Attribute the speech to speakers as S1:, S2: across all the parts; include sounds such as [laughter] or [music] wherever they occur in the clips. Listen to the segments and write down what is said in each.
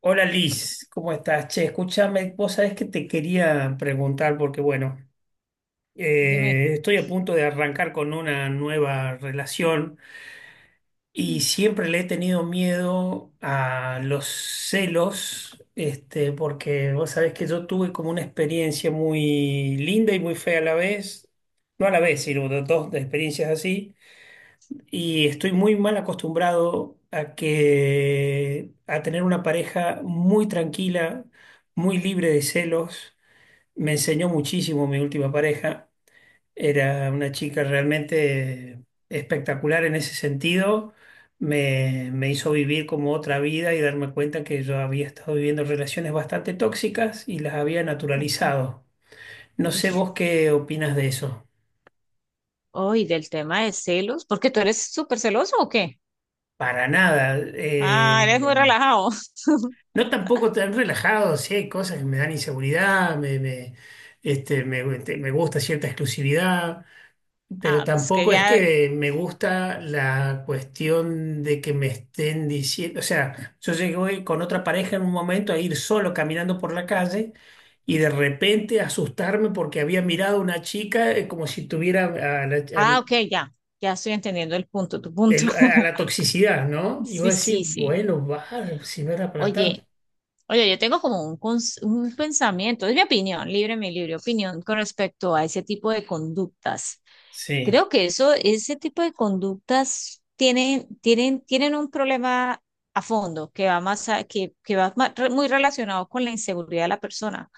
S1: Hola Liz, ¿cómo estás? Che, escúchame, vos sabés que te quería preguntar porque, bueno,
S2: Dime.
S1: estoy a punto de arrancar con una nueva relación y
S2: Mm.
S1: siempre le he tenido miedo a los celos, porque vos sabés que yo tuve como una experiencia muy linda y muy fea a la vez, no a la vez, sino dos experiencias así y estoy muy mal acostumbrado a tener una pareja muy tranquila, muy libre de celos. Me enseñó muchísimo mi última pareja. Era una chica realmente espectacular en ese sentido. Me hizo vivir como otra vida y darme cuenta que yo había estado viviendo relaciones bastante tóxicas y las había
S2: Ok.
S1: naturalizado. No
S2: Uy.
S1: sé vos qué opinas de eso.
S2: ¿Uy, del tema de celos, porque tú eres súper celoso o qué?
S1: Para nada.
S2: Ah, eres muy relajado. [laughs]
S1: No, tampoco tan relajado, sí hay cosas que me dan inseguridad, me, este, me, te- me gusta cierta exclusividad, pero
S2: Ah, pues que
S1: tampoco es
S2: ya.
S1: que me gusta la cuestión de que me estén diciendo, o sea, yo llegué con otra pareja en un momento a ir solo caminando por la calle y de repente asustarme porque había mirado a una chica como si tuviera a la, a
S2: Ah, ok, ya, ya estoy entendiendo el punto, tu punto.
S1: a la
S2: [laughs]
S1: toxicidad, ¿no? Y vos
S2: Sí,
S1: decís,
S2: sí, sí.
S1: bueno, va, si no era para tanto.
S2: Oye, oye, yo tengo como un, un pensamiento, es mi opinión, libre, mi libre opinión con respecto a ese tipo de conductas.
S1: Sí,
S2: Creo que eso, ese tipo de conductas tienen un problema a fondo, que va más que va muy relacionado con la inseguridad de la persona,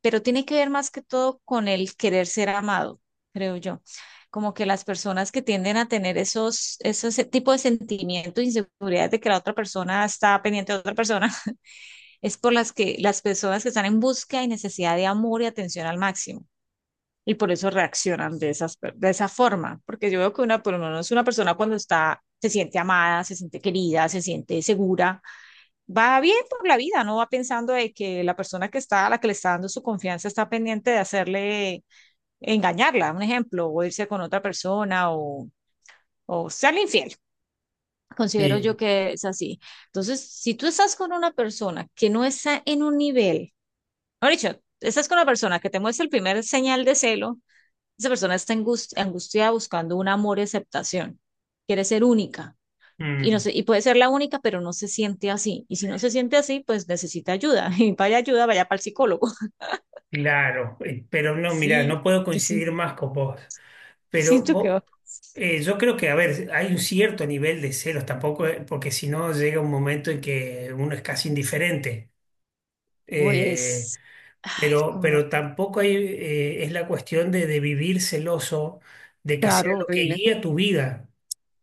S2: pero tiene que ver más que todo con el querer ser amado, creo yo. Como que las personas que tienden a tener esos, esos tipos de sentimientos, inseguridades de que la otra persona está pendiente de otra persona, [laughs] es por las que las personas que están en busca y necesidad de amor y atención al máximo, y por eso reaccionan de esas, de esa forma, porque yo veo que una, por lo menos una persona, cuando está, se siente amada, se siente querida, se siente segura, va bien por la vida, no va pensando de que la persona que está, a la que le está dando su confianza, está pendiente de hacerle, engañarla, un ejemplo, o irse con otra persona, o serle infiel. Considero
S1: sí.
S2: yo que es así. Entonces, si tú estás con una persona que no está en un nivel, no dicho, estás con una persona que te muestra el primer señal de celo, esa persona está angustiada, buscando un amor y aceptación. Quiere ser única. Y no
S1: Mm.
S2: sé, y puede ser la única, pero no se siente así. Y si no se siente así, pues necesita ayuda. [laughs] Y vaya ayuda, vaya para el psicólogo. [laughs]
S1: Claro, pero no, mirá, no
S2: Sí,
S1: puedo
S2: yo sí-
S1: coincidir más con vos. Pero
S2: siento que,
S1: vos, yo creo que, a ver, hay un cierto nivel de celos tampoco, porque si no llega un momento en que uno es casi indiferente. Eh,
S2: pues, ay,
S1: pero,
S2: como,
S1: pero tampoco es la cuestión de, vivir celoso, de que sea
S2: claro,
S1: lo que
S2: horrible.
S1: guía tu vida.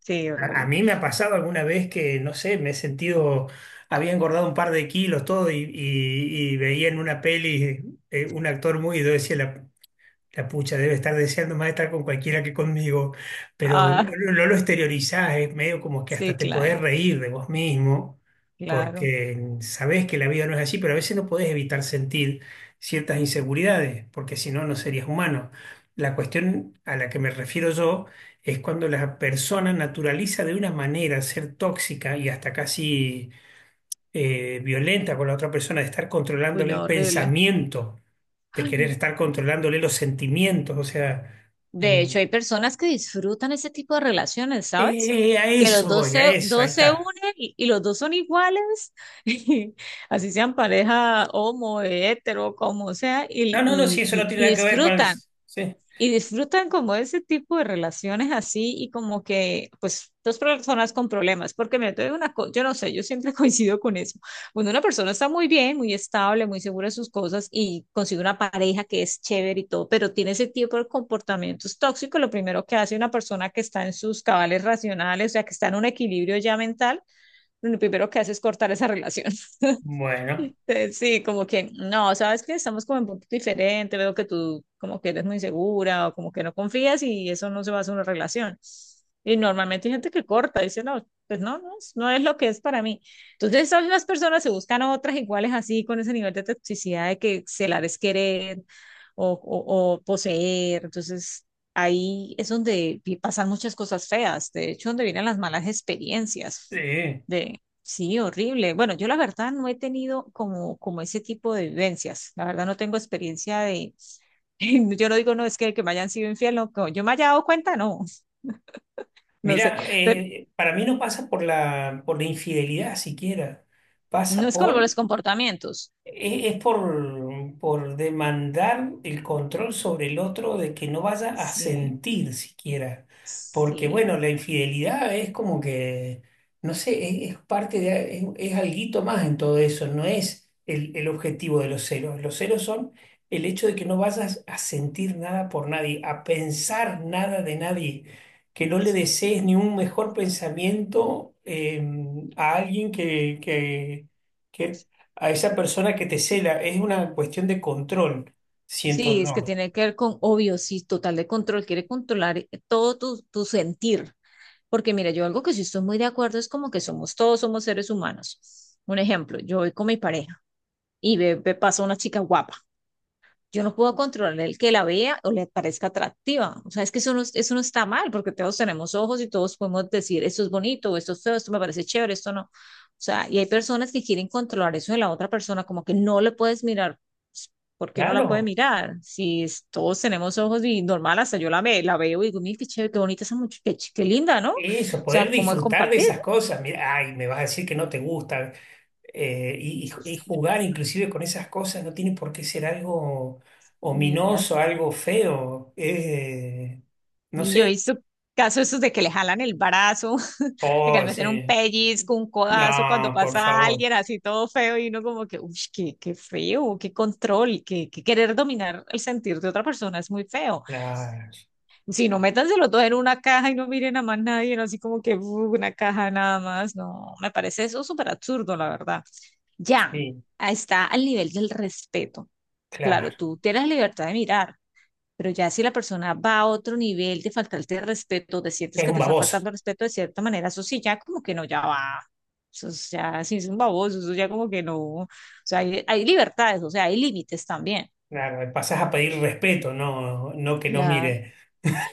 S2: Sí,
S1: A
S2: horrible.
S1: mí me ha pasado alguna vez que, no sé, me he sentido, había engordado un par de kilos, todo, y, y veía en una peli un actor muy, y yo decía, la pucha debe estar deseando más estar con cualquiera que conmigo, pero no,
S2: Ah,
S1: no lo exteriorizás, es medio como que
S2: sí,
S1: hasta te
S2: claro,
S1: podés reír de vos mismo,
S2: claro.
S1: porque sabés que la vida no es así, pero a veces no podés evitar sentir ciertas inseguridades, porque si no, no serías humano. La cuestión a la que me refiero yo es cuando la persona naturaliza de una manera ser tóxica y hasta casi violenta con la otra persona, de estar
S2: Uy,
S1: controlándole
S2: no,
S1: el
S2: horrible.
S1: pensamiento, de querer estar controlándole los sentimientos, o sea,
S2: De
S1: mm,
S2: hecho, hay personas que disfrutan ese tipo de relaciones, ¿sabes?
S1: a
S2: Que
S1: eso voy, a eso, ahí
S2: dos se
S1: está.
S2: unen, y los dos son iguales, [laughs] así sean pareja homo, hetero, como sea,
S1: No,
S2: y
S1: no, no, si eso no tiene nada que ver con el.
S2: disfrutan,
S1: Sí,
S2: y disfrutan como ese tipo de relaciones así y, como que, pues, dos personas con problemas, porque me doy una cosa, yo no sé, yo siempre [laughs] coincido con eso. Cuando una persona está muy bien, muy estable, muy segura de sus cosas, y consigue una pareja que es chévere y todo, pero tiene ese tipo de comportamientos tóxicos, lo primero que hace una persona que está en sus cabales racionales, o sea, que está en un equilibrio ya mental, lo primero que hace es cortar esa relación. [laughs]
S1: bueno,
S2: [laughs] Sí, como que no, sabes que estamos como en punto diferente, veo que tú como que eres muy segura, o como que no confías, y eso no se va a hacer una relación. Y normalmente hay gente que corta, dice, no, pues no, no, no es lo que es para mí. Entonces, son las personas, se buscan otras iguales así, con ese nivel de toxicidad de que celar es querer, o poseer. Entonces, ahí es donde pasan muchas cosas feas, de hecho, donde vienen las malas experiencias.
S1: sí.
S2: Sí, horrible. Bueno, yo la verdad no he tenido como, como ese tipo de vivencias. La verdad no tengo experiencia de, [laughs] yo no digo, no, es que me hayan sido infiel, no, yo me haya dado cuenta, no. [laughs] No sé,
S1: Mira,
S2: pero
S1: para mí no pasa por la infidelidad siquiera,
S2: no
S1: pasa
S2: es como
S1: por
S2: los comportamientos.
S1: es por demandar el control sobre el otro de que no vaya a
S2: Sí,
S1: sentir siquiera. Porque,
S2: sí,
S1: bueno, la infidelidad es como que, no sé, es parte de, es alguito más en todo eso, no es el objetivo de los celos. Los celos son el hecho de que no vayas a sentir nada por nadie, a pensar nada de nadie, que no le
S2: sí.
S1: desees ni un mejor pensamiento a alguien que a esa persona que te cela. Es una cuestión de control, siento
S2: Sí, es que
S1: yo.
S2: tiene que ver con, obvio, sí, total de control, quiere controlar todo tu, tu sentir. Porque mira, yo algo que sí estoy muy de acuerdo es como que somos todos, somos seres humanos. Un ejemplo, yo voy con mi pareja y pasa una chica guapa. Yo no puedo controlar el que la vea o le parezca atractiva. O sea, es que eso no está mal, porque todos tenemos ojos y todos podemos decir, esto es bonito, o esto es feo, esto me parece chévere, esto no. O sea, y hay personas que quieren controlar eso de la otra persona, como que no le puedes mirar. Pues, ¿por qué no la puede
S1: Claro,
S2: mirar? Si es- Todos tenemos ojos y normal, hasta yo la veo y digo, mira, qué chévere, qué bonita esa muchacha, qué, qué linda, ¿no? O
S1: eso,
S2: sea,
S1: poder
S2: como el
S1: disfrutar de
S2: compartir.
S1: esas cosas. Mira, ay, me vas a decir que no te gusta. Y jugar inclusive con esas cosas no tiene por qué ser algo
S2: Y
S1: ominoso, algo feo. No
S2: Y yo he
S1: sé.
S2: visto casos esos de que le jalan el brazo, [laughs] de que le
S1: Oh,
S2: meten un
S1: sí.
S2: pellizco, un codazo cuando
S1: No, por
S2: pasa
S1: favor.
S2: alguien así todo feo, y uno como que, uy, qué, qué feo, qué control, que querer dominar el sentir de otra persona es muy feo.
S1: Claro,
S2: Si no, métanselo todo en una caja y no miren a más nadie, no, así como que "uh, una caja nada más", no, me parece eso súper absurdo, la verdad. Ya,
S1: sí,
S2: ahí está al nivel del respeto. Claro,
S1: claro.
S2: tú tienes libertad de mirar, pero ya si la persona va a otro nivel de faltarte el respeto, te sientes
S1: Es
S2: que
S1: un
S2: te está
S1: baboso.
S2: faltando el respeto de cierta manera, eso sí, ya como que no, ya va. Eso es ya, sí es un baboso, eso ya como que no. O sea, hay libertades, o sea, hay límites también.
S1: Claro, pasás a pedir respeto, no, no que no
S2: Claro.
S1: mire.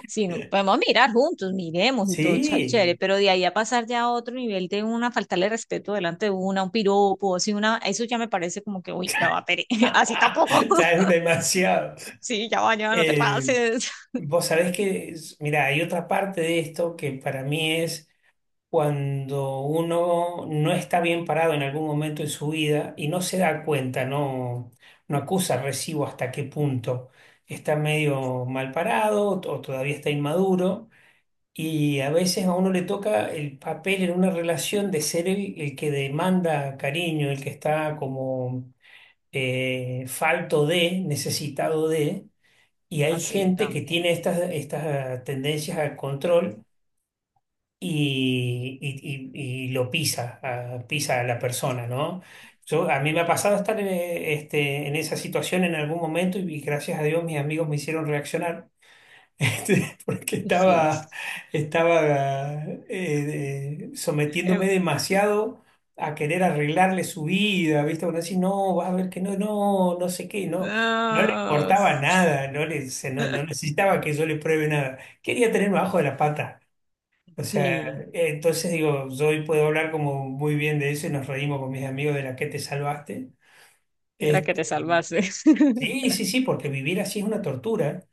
S2: Sí, no, podemos mirar juntos, miremos y todo chévere,
S1: Sí,
S2: pero de ahí a pasar ya a otro nivel de una, faltarle respeto, delante de una, un piropo, así una, eso ya me parece como que, uy, ya va, pere, [laughs] así
S1: [laughs]
S2: tampoco.
S1: ya
S2: [laughs]
S1: demasiado.
S2: Sí, ya va, ya no te
S1: Eh,
S2: pases,
S1: Vos sabés que, mira, hay otra parte de esto que para mí es cuando uno no está bien parado en algún momento en su vida y no se da cuenta, no, no acusa recibo hasta qué punto está medio mal parado o todavía está inmaduro. Y a veces a uno le toca el papel en una relación de ser el que demanda cariño, el que está como falto de, necesitado de, y hay
S2: así
S1: gente que
S2: también,
S1: tiene estas tendencias al control y, y lo pisa, pisa a la persona, ¿no? Yo, a mí me ha pasado estar en esa situación en algún momento y gracias a Dios mis amigos me hicieron reaccionar [laughs] porque
S2: sí.
S1: estaba, estaba eh, sometiéndome
S2: [laughs]
S1: demasiado a querer arreglarle su vida, ¿viste? Bueno, así, no, vas a ver que no, no, no sé qué, no. No le
S2: No.
S1: importaba nada, no
S2: [laughs]
S1: necesitaba que yo le pruebe nada. Quería tenerme abajo de la pata. O sea,
S2: Sí,
S1: entonces digo, yo hoy puedo hablar como muy bien de eso y nos reímos con mis amigos de la que te salvaste.
S2: mira que te
S1: Este,
S2: salvaste.
S1: sí,
S2: [laughs]
S1: sí, sí, porque vivir así es una tortura.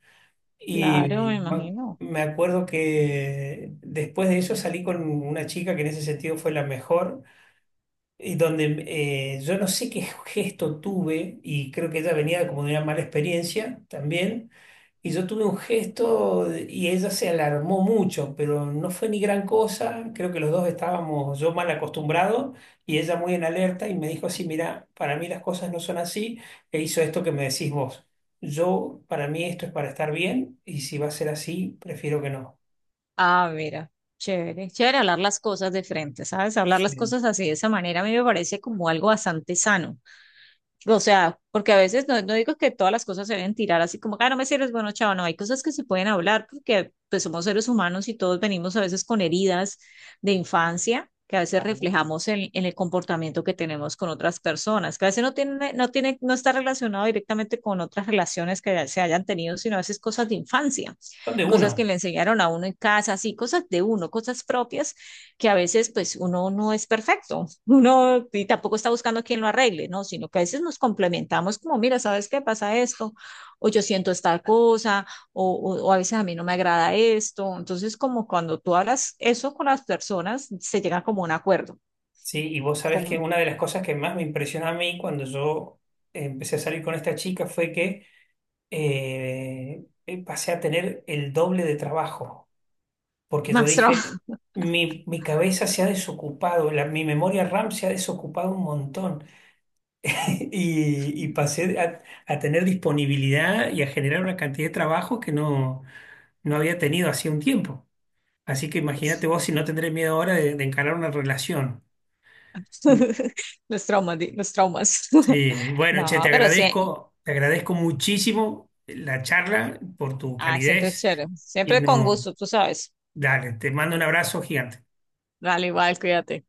S2: Claro, me
S1: Y
S2: imagino.
S1: me acuerdo que después de eso salí con una chica que en ese sentido fue la mejor, y donde yo no sé qué gesto tuve, y creo que ella venía como de una mala experiencia también y yo tuve un gesto y ella se alarmó mucho, pero no fue ni gran cosa. Creo que los dos estábamos yo mal acostumbrados y ella muy en alerta y me dijo así, mira, para mí las cosas no son así e hizo esto que me decís vos. Yo, para mí esto es para estar bien y si va a ser así, prefiero que no.
S2: Ah, mira, chévere, chévere hablar las cosas de frente, ¿sabes? Hablar las
S1: Sí.
S2: cosas así de esa manera a mí me parece como algo bastante sano. O sea, porque a veces no, no digo que todas las cosas se deben tirar así como, ah, no me sirves, bueno, chao, no, hay cosas que se pueden hablar, porque pues somos seres humanos y todos venimos a veces con heridas de infancia, que a veces
S1: Claro.
S2: reflejamos en el comportamiento que tenemos con otras personas, que a veces no tiene, no está relacionado directamente con otras relaciones que se hayan tenido, sino a veces cosas de infancia,
S1: Son de
S2: cosas que
S1: uno,
S2: le enseñaron a uno en casa, así, cosas de uno, cosas propias, que a veces pues uno no es perfecto, [laughs] uno y tampoco está buscando a quien lo arregle, ¿no? Sino que a veces nos complementamos como, mira, ¿sabes qué pasa esto? O yo siento esta cosa, o a veces a mí no me agrada esto. Entonces, como cuando tú hablas eso con las personas, se llega como a un acuerdo,
S1: ¿sí? Y vos sabés que
S2: como
S1: una de las cosas que más me impresionó a mí cuando yo empecé a salir con esta chica fue que pasé a tener el doble de trabajo, porque yo
S2: más traumas,
S1: dije, mi cabeza se ha desocupado, la- mi memoria RAM se ha desocupado un montón [laughs] y pasé a, tener disponibilidad y a generar una cantidad de trabajo que no había tenido hacía un tiempo. Así que imagínate vos
S2: [laughs]
S1: si no tendré miedo ahora de, encarar una relación.
S2: los traumas, los traumas. [laughs]
S1: Sí, bueno, che,
S2: No,
S1: te
S2: pero sí,
S1: agradezco, te agradezco muchísimo la charla por tu
S2: ah, siempre es
S1: calidez
S2: chévere,
S1: y
S2: siempre con
S1: no,
S2: gusto, tú sabes.
S1: dale, te mando un abrazo gigante.
S2: Dale, igual, cuídate.